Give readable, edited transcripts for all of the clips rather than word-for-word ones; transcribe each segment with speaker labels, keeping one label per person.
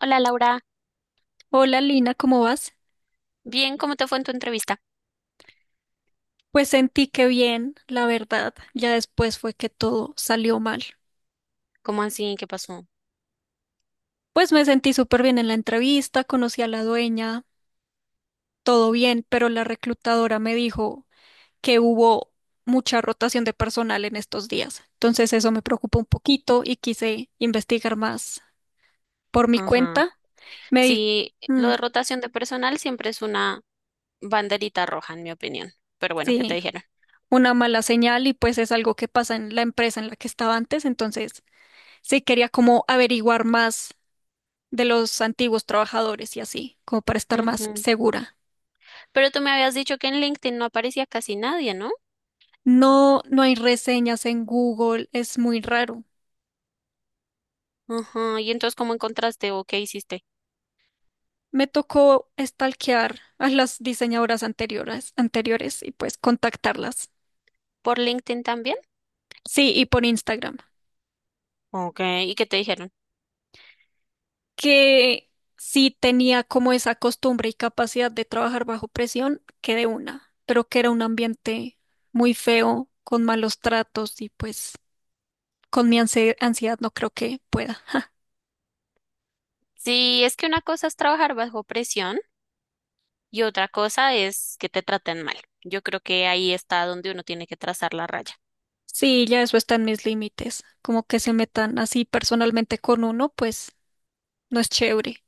Speaker 1: Hola Laura,
Speaker 2: Hola Lina, ¿cómo vas?
Speaker 1: bien, ¿cómo te fue en tu entrevista?
Speaker 2: Pues sentí que bien, la verdad, ya después fue que todo salió mal.
Speaker 1: ¿Cómo así? ¿Qué pasó?
Speaker 2: Pues me sentí súper bien en la entrevista, conocí a la dueña, todo bien, pero la reclutadora me dijo que hubo mucha rotación de personal en estos días. Entonces eso me preocupó un poquito y quise investigar más por mi
Speaker 1: Ajá.
Speaker 2: cuenta. Me di,
Speaker 1: Sí, lo
Speaker 2: mm,
Speaker 1: de rotación de personal siempre es una banderita roja, en mi opinión. Pero bueno, ¿qué te
Speaker 2: sí,
Speaker 1: dijeron?
Speaker 2: una mala señal y pues es algo que pasa en la empresa en la que estaba antes, entonces sí quería como averiguar más de los antiguos trabajadores y así, como para estar más
Speaker 1: Ujú.
Speaker 2: segura.
Speaker 1: Pero tú me habías dicho que en LinkedIn no aparecía casi nadie, ¿no?
Speaker 2: No, no hay reseñas en Google, es muy raro.
Speaker 1: Ajá. ¿Y entonces cómo encontraste o qué hiciste?
Speaker 2: Me tocó stalkear a las diseñadoras anteriores y pues contactarlas.
Speaker 1: ¿Por LinkedIn también?
Speaker 2: Sí, y por Instagram,
Speaker 1: Ok, ¿y qué te dijeron?
Speaker 2: que sí tenía como esa costumbre y capacidad de trabajar bajo presión, que de una, pero que era un ambiente muy feo, con malos tratos y pues con mi ansiedad no creo que pueda.
Speaker 1: Sí, es que una cosa es trabajar bajo presión y otra cosa es que te traten mal. Yo creo que ahí está donde uno tiene que trazar la raya.
Speaker 2: Sí, ya eso está en mis límites. Como que se metan así personalmente con uno, pues no es chévere.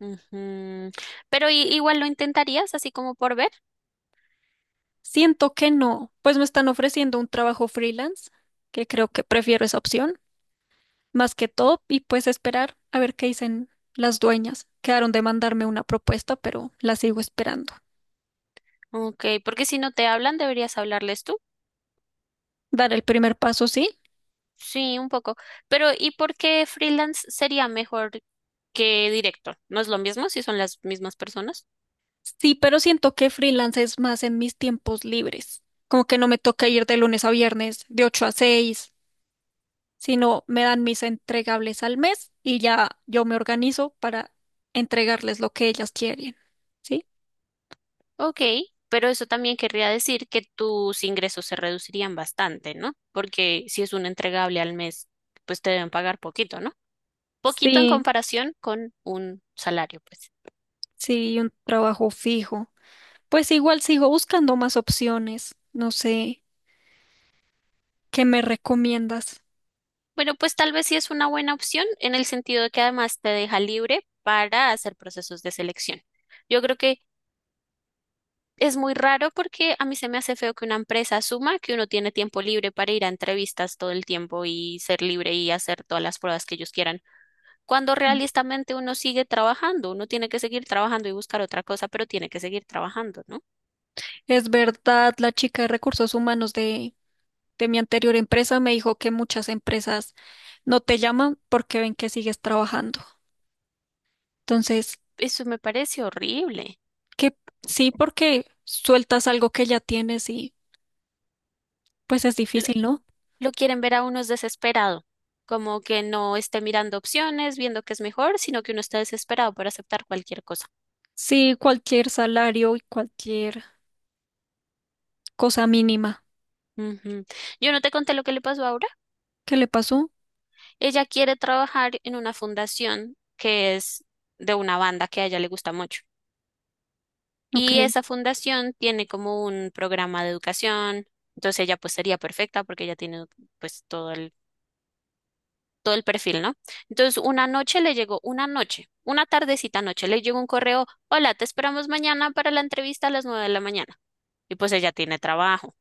Speaker 1: Ujú. Pero igual lo intentarías así como por ver.
Speaker 2: Siento que no, pues me están ofreciendo un trabajo freelance, que creo que prefiero esa opción, más que todo, y pues esperar a ver qué dicen las dueñas. Quedaron de mandarme una propuesta, pero la sigo esperando.
Speaker 1: Ok, porque si no te hablan, deberías hablarles tú.
Speaker 2: Dar el primer paso, sí.
Speaker 1: Sí, un poco. Pero ¿y por qué freelance sería mejor que directo? ¿No es lo mismo si son las mismas personas?
Speaker 2: Sí, pero siento que freelance es más en mis tiempos libres. Como que no me toca ir de lunes a viernes, de 8 a 6, sino me dan mis entregables al mes y ya yo me organizo para entregarles lo que ellas quieren. ¿Sí?
Speaker 1: Ok, pero eso también querría decir que tus ingresos se reducirían bastante, ¿no? Porque si es un entregable al mes, pues te deben pagar poquito, ¿no? Poquito en
Speaker 2: Sí,
Speaker 1: comparación con un salario, pues.
Speaker 2: sí, un trabajo fijo. Pues igual sigo buscando más opciones. No sé, ¿qué me recomiendas?
Speaker 1: Bueno, pues tal vez sí es una buena opción en el sentido de que además te deja libre para hacer procesos de selección. Yo creo que es muy raro porque a mí se me hace feo que una empresa asuma que uno tiene tiempo libre para ir a entrevistas todo el tiempo y ser libre y hacer todas las pruebas que ellos quieran, cuando
Speaker 2: Mm.
Speaker 1: realistamente uno sigue trabajando, uno tiene que seguir trabajando y buscar otra cosa, pero tiene que seguir trabajando, ¿no?
Speaker 2: Es verdad, la chica de recursos humanos de mi anterior empresa me dijo que muchas empresas no te llaman porque ven que sigues trabajando. Entonces,
Speaker 1: Eso me parece horrible.
Speaker 2: que sí, porque sueltas algo que ya tienes y pues es difícil, ¿no?
Speaker 1: Lo quieren ver a uno es desesperado, como que no esté mirando opciones, viendo qué es mejor, sino que uno está desesperado por aceptar cualquier cosa.
Speaker 2: Sí, cualquier salario y cualquier cosa mínima.
Speaker 1: Ujú. Yo no te conté lo que le pasó ahora.
Speaker 2: ¿Qué le pasó?
Speaker 1: Ella quiere trabajar en una fundación que es de una banda que a ella le gusta mucho.
Speaker 2: Ok.
Speaker 1: Y esa fundación tiene como un programa de educación. Entonces ella pues sería perfecta porque ella tiene pues todo el perfil, ¿no? Entonces, una noche le llegó, una noche, una tardecita noche, le llegó un correo, hola, te esperamos mañana para la entrevista a las 9 de la mañana. Y pues ella tiene trabajo.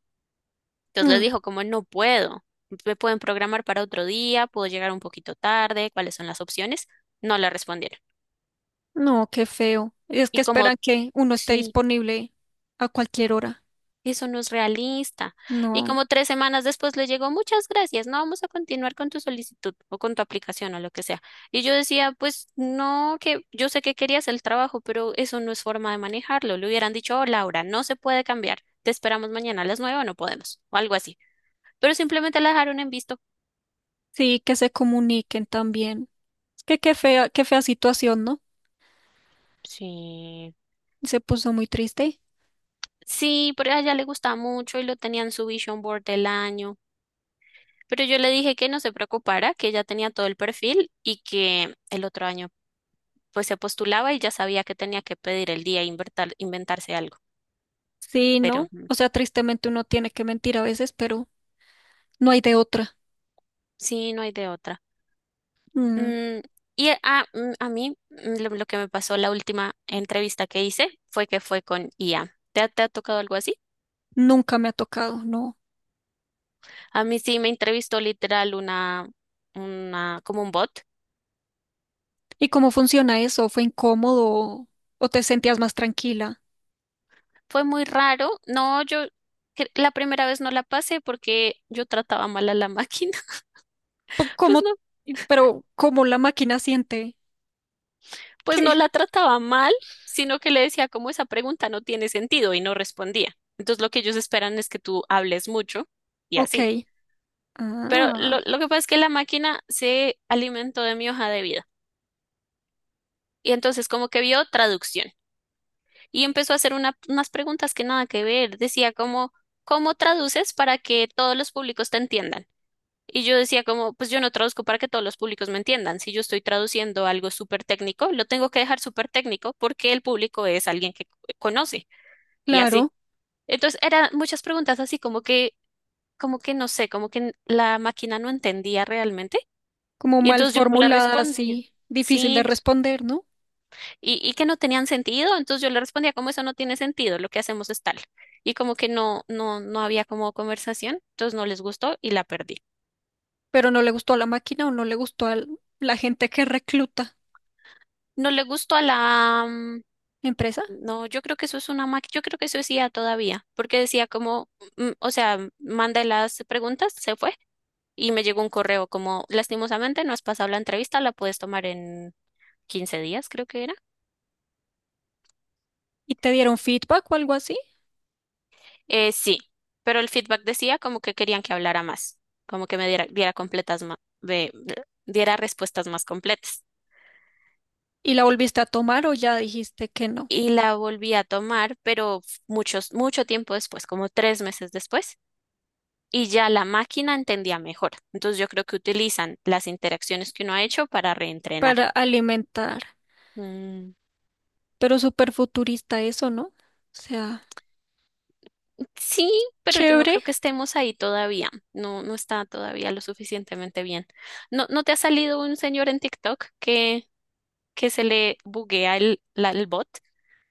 Speaker 1: Entonces le
Speaker 2: Mm,
Speaker 1: dijo, como no puedo, me pueden programar para otro día, puedo llegar un poquito tarde, ¿cuáles son las opciones? No le respondieron.
Speaker 2: no, qué feo. Es que
Speaker 1: Y como,
Speaker 2: esperan que uno esté
Speaker 1: sí,
Speaker 2: disponible a cualquier hora.
Speaker 1: eso no es realista. Y
Speaker 2: No.
Speaker 1: como tres semanas después le llegó, muchas gracias, no vamos a continuar con tu solicitud o con tu aplicación o lo que sea. Y yo decía, pues no, que yo sé que querías el trabajo, pero eso no es forma de manejarlo. Le hubieran dicho, oh, Laura, no se puede cambiar, te esperamos mañana a las 9 o no podemos, o algo así. Pero simplemente la dejaron en visto.
Speaker 2: Sí, que se comuniquen también. Es que qué fea situación, ¿no?
Speaker 1: Sí.
Speaker 2: Se puso muy triste.
Speaker 1: Sí, pero a ella le gustaba mucho y lo tenían en su vision board del año. Pero yo le dije que no se preocupara, que ella tenía todo el perfil y que el otro año pues se postulaba y ya sabía que tenía que pedir el día e inventar, inventarse algo,
Speaker 2: Sí,
Speaker 1: pero
Speaker 2: ¿no?
Speaker 1: ujú,
Speaker 2: O sea, tristemente uno tiene que mentir a veces, pero no hay de otra.
Speaker 1: sí, no hay de otra.
Speaker 2: Mm,
Speaker 1: Mm, y a mí lo que me pasó la última entrevista que hice fue que fue con IA. ¿Te, te ha tocado algo así?
Speaker 2: nunca me ha tocado, no.
Speaker 1: A mí sí me entrevistó literal una, como un bot.
Speaker 2: ¿Y cómo funciona eso? ¿Fue incómodo o te sentías más tranquila?
Speaker 1: Fue muy raro. No, yo la primera vez no la pasé porque yo trataba mal a la máquina.
Speaker 2: Po-
Speaker 1: Pues
Speaker 2: ¿Cómo?
Speaker 1: no
Speaker 2: Pero ¿cómo la máquina siente?
Speaker 1: pues no
Speaker 2: ¿Qué?
Speaker 1: la trataba mal, sino que le decía como esa pregunta no tiene sentido y no respondía. Entonces lo que ellos esperan es que tú hables mucho y así.
Speaker 2: Ok.
Speaker 1: Pero
Speaker 2: Ah,
Speaker 1: lo que pasa es que la máquina se alimentó de mi hoja de vida y entonces como que vio traducción y empezó a hacer unas preguntas que nada que ver. Decía como, ¿cómo traduces para que todos los públicos te entiendan? Y yo decía como, pues yo no traduzco para que todos los públicos me entiendan. Si yo estoy traduciendo algo súper técnico, lo tengo que dejar súper técnico porque el público es alguien que conoce. Y así.
Speaker 2: claro.
Speaker 1: Entonces eran muchas preguntas así como que no sé, como que la máquina no entendía realmente
Speaker 2: Como
Speaker 1: y
Speaker 2: mal
Speaker 1: entonces yo no le
Speaker 2: formulada,
Speaker 1: respondía.
Speaker 2: así, difícil de
Speaker 1: Sí,
Speaker 2: responder, ¿no?
Speaker 1: y que no tenían sentido, entonces yo le respondía como eso no tiene sentido, lo que hacemos es tal. Y como que no había como conversación, entonces no les gustó y la perdí.
Speaker 2: Pero ¿no le gustó a la máquina o no le gustó a la gente que recluta
Speaker 1: No le gustó a la... mm,
Speaker 2: empresa?
Speaker 1: no, yo creo que eso es una máquina, yo creo que eso decía todavía, porque decía como, mm, o sea, manda las preguntas, se fue y me llegó un correo como, lastimosamente no has pasado la entrevista, la puedes tomar en 15 días, creo que era.
Speaker 2: ¿Y te dieron feedback o algo así?
Speaker 1: Sí, pero el feedback decía como que querían que hablara más, como que me diera, diera completas ma- de- diera respuestas más completas.
Speaker 2: ¿Y la volviste a tomar o ya dijiste que no?
Speaker 1: Y la volví a tomar, pero mucho tiempo después, como 3 meses después, y ya la máquina entendía mejor. Entonces yo creo que utilizan las interacciones que uno ha hecho para reentrenar.
Speaker 2: Para alimentar.
Speaker 1: Mm.
Speaker 2: Pero súper futurista eso, ¿no? O sea,
Speaker 1: Sí, pero yo no
Speaker 2: chévere.
Speaker 1: creo que estemos ahí todavía. No, no está todavía lo suficientemente bien. ¿No, no te ha salido un señor en TikTok que se le buguea el bot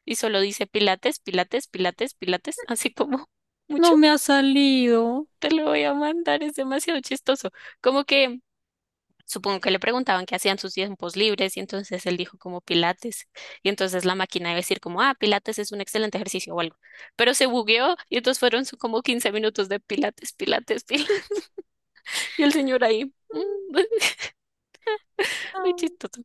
Speaker 1: y solo dice pilates, pilates, pilates, pilates? Así como mucho.
Speaker 2: No me ha salido.
Speaker 1: Te lo voy a mandar, es demasiado chistoso. Como que supongo que le preguntaban qué hacían sus tiempos libres y entonces él dijo como Pilates. Y entonces la máquina iba a decir como, ah, Pilates es un excelente ejercicio o algo. Pero se bugueó y entonces fueron como 15 minutos de Pilates, Pilates, Pilates. Y el señor ahí, mm, muy
Speaker 2: No,
Speaker 1: chistoso.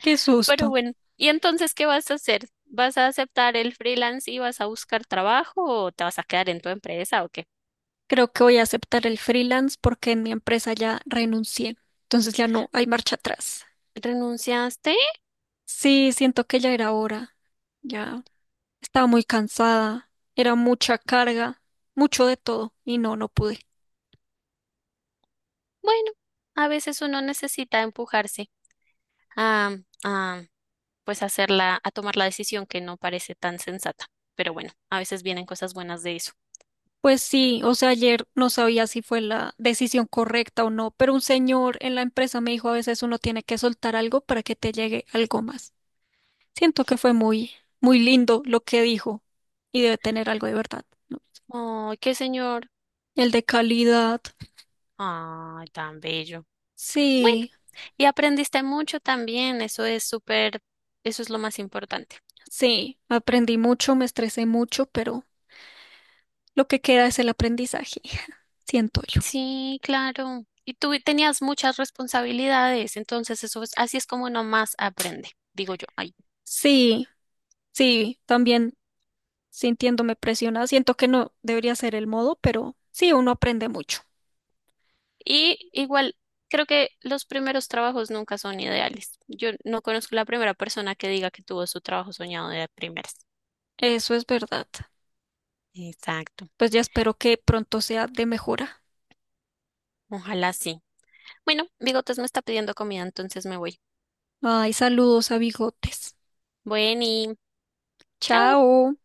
Speaker 2: qué
Speaker 1: Pero
Speaker 2: susto.
Speaker 1: bueno, ¿y entonces qué vas a hacer? ¿Vas a aceptar el freelance y vas a buscar trabajo o te vas a quedar en tu empresa o qué?
Speaker 2: Creo que voy a aceptar el freelance porque en mi empresa ya renuncié. Entonces ya no hay marcha atrás.
Speaker 1: ¿Renunciaste?
Speaker 2: Sí, siento que ya era hora. Ya estaba muy cansada. Era mucha carga, mucho de todo y no, no pude.
Speaker 1: Bueno, a veces uno necesita empujarse a, pues hacerla, a tomar la decisión que no parece tan sensata. Pero bueno, a veces vienen cosas buenas de eso.
Speaker 2: Pues sí, o sea, ayer no sabía si fue la decisión correcta o no, pero un señor en la empresa me dijo a veces uno tiene que soltar algo para que te llegue algo más. Siento que fue muy, muy lindo lo que dijo y debe tener algo de verdad, ¿no?
Speaker 1: Ay, qué señor.
Speaker 2: El de calidad.
Speaker 1: Ay, tan bello. Bueno,
Speaker 2: Sí.
Speaker 1: y aprendiste mucho también, eso es súper, eso es lo más importante.
Speaker 2: Sí, aprendí mucho, me estresé mucho, pero lo que queda es el aprendizaje, siento yo.
Speaker 1: Sí, claro. Y tú tenías muchas responsabilidades, entonces eso es, así es como uno más aprende, digo yo. Ay.
Speaker 2: Sí, sí, también sintiéndome presionada, siento que no debería ser el modo, pero sí, uno aprende mucho.
Speaker 1: Y igual, creo que los primeros trabajos nunca son ideales. Yo no conozco la primera persona que diga que tuvo su trabajo soñado de primeras.
Speaker 2: Eso es verdad.
Speaker 1: Exacto.
Speaker 2: Pues ya espero que pronto sea de mejora.
Speaker 1: Ojalá sí. Bueno, Bigotes me está pidiendo comida, entonces me voy.
Speaker 2: Ay, saludos a Bigotes.
Speaker 1: Bueno, y chao.
Speaker 2: Chao.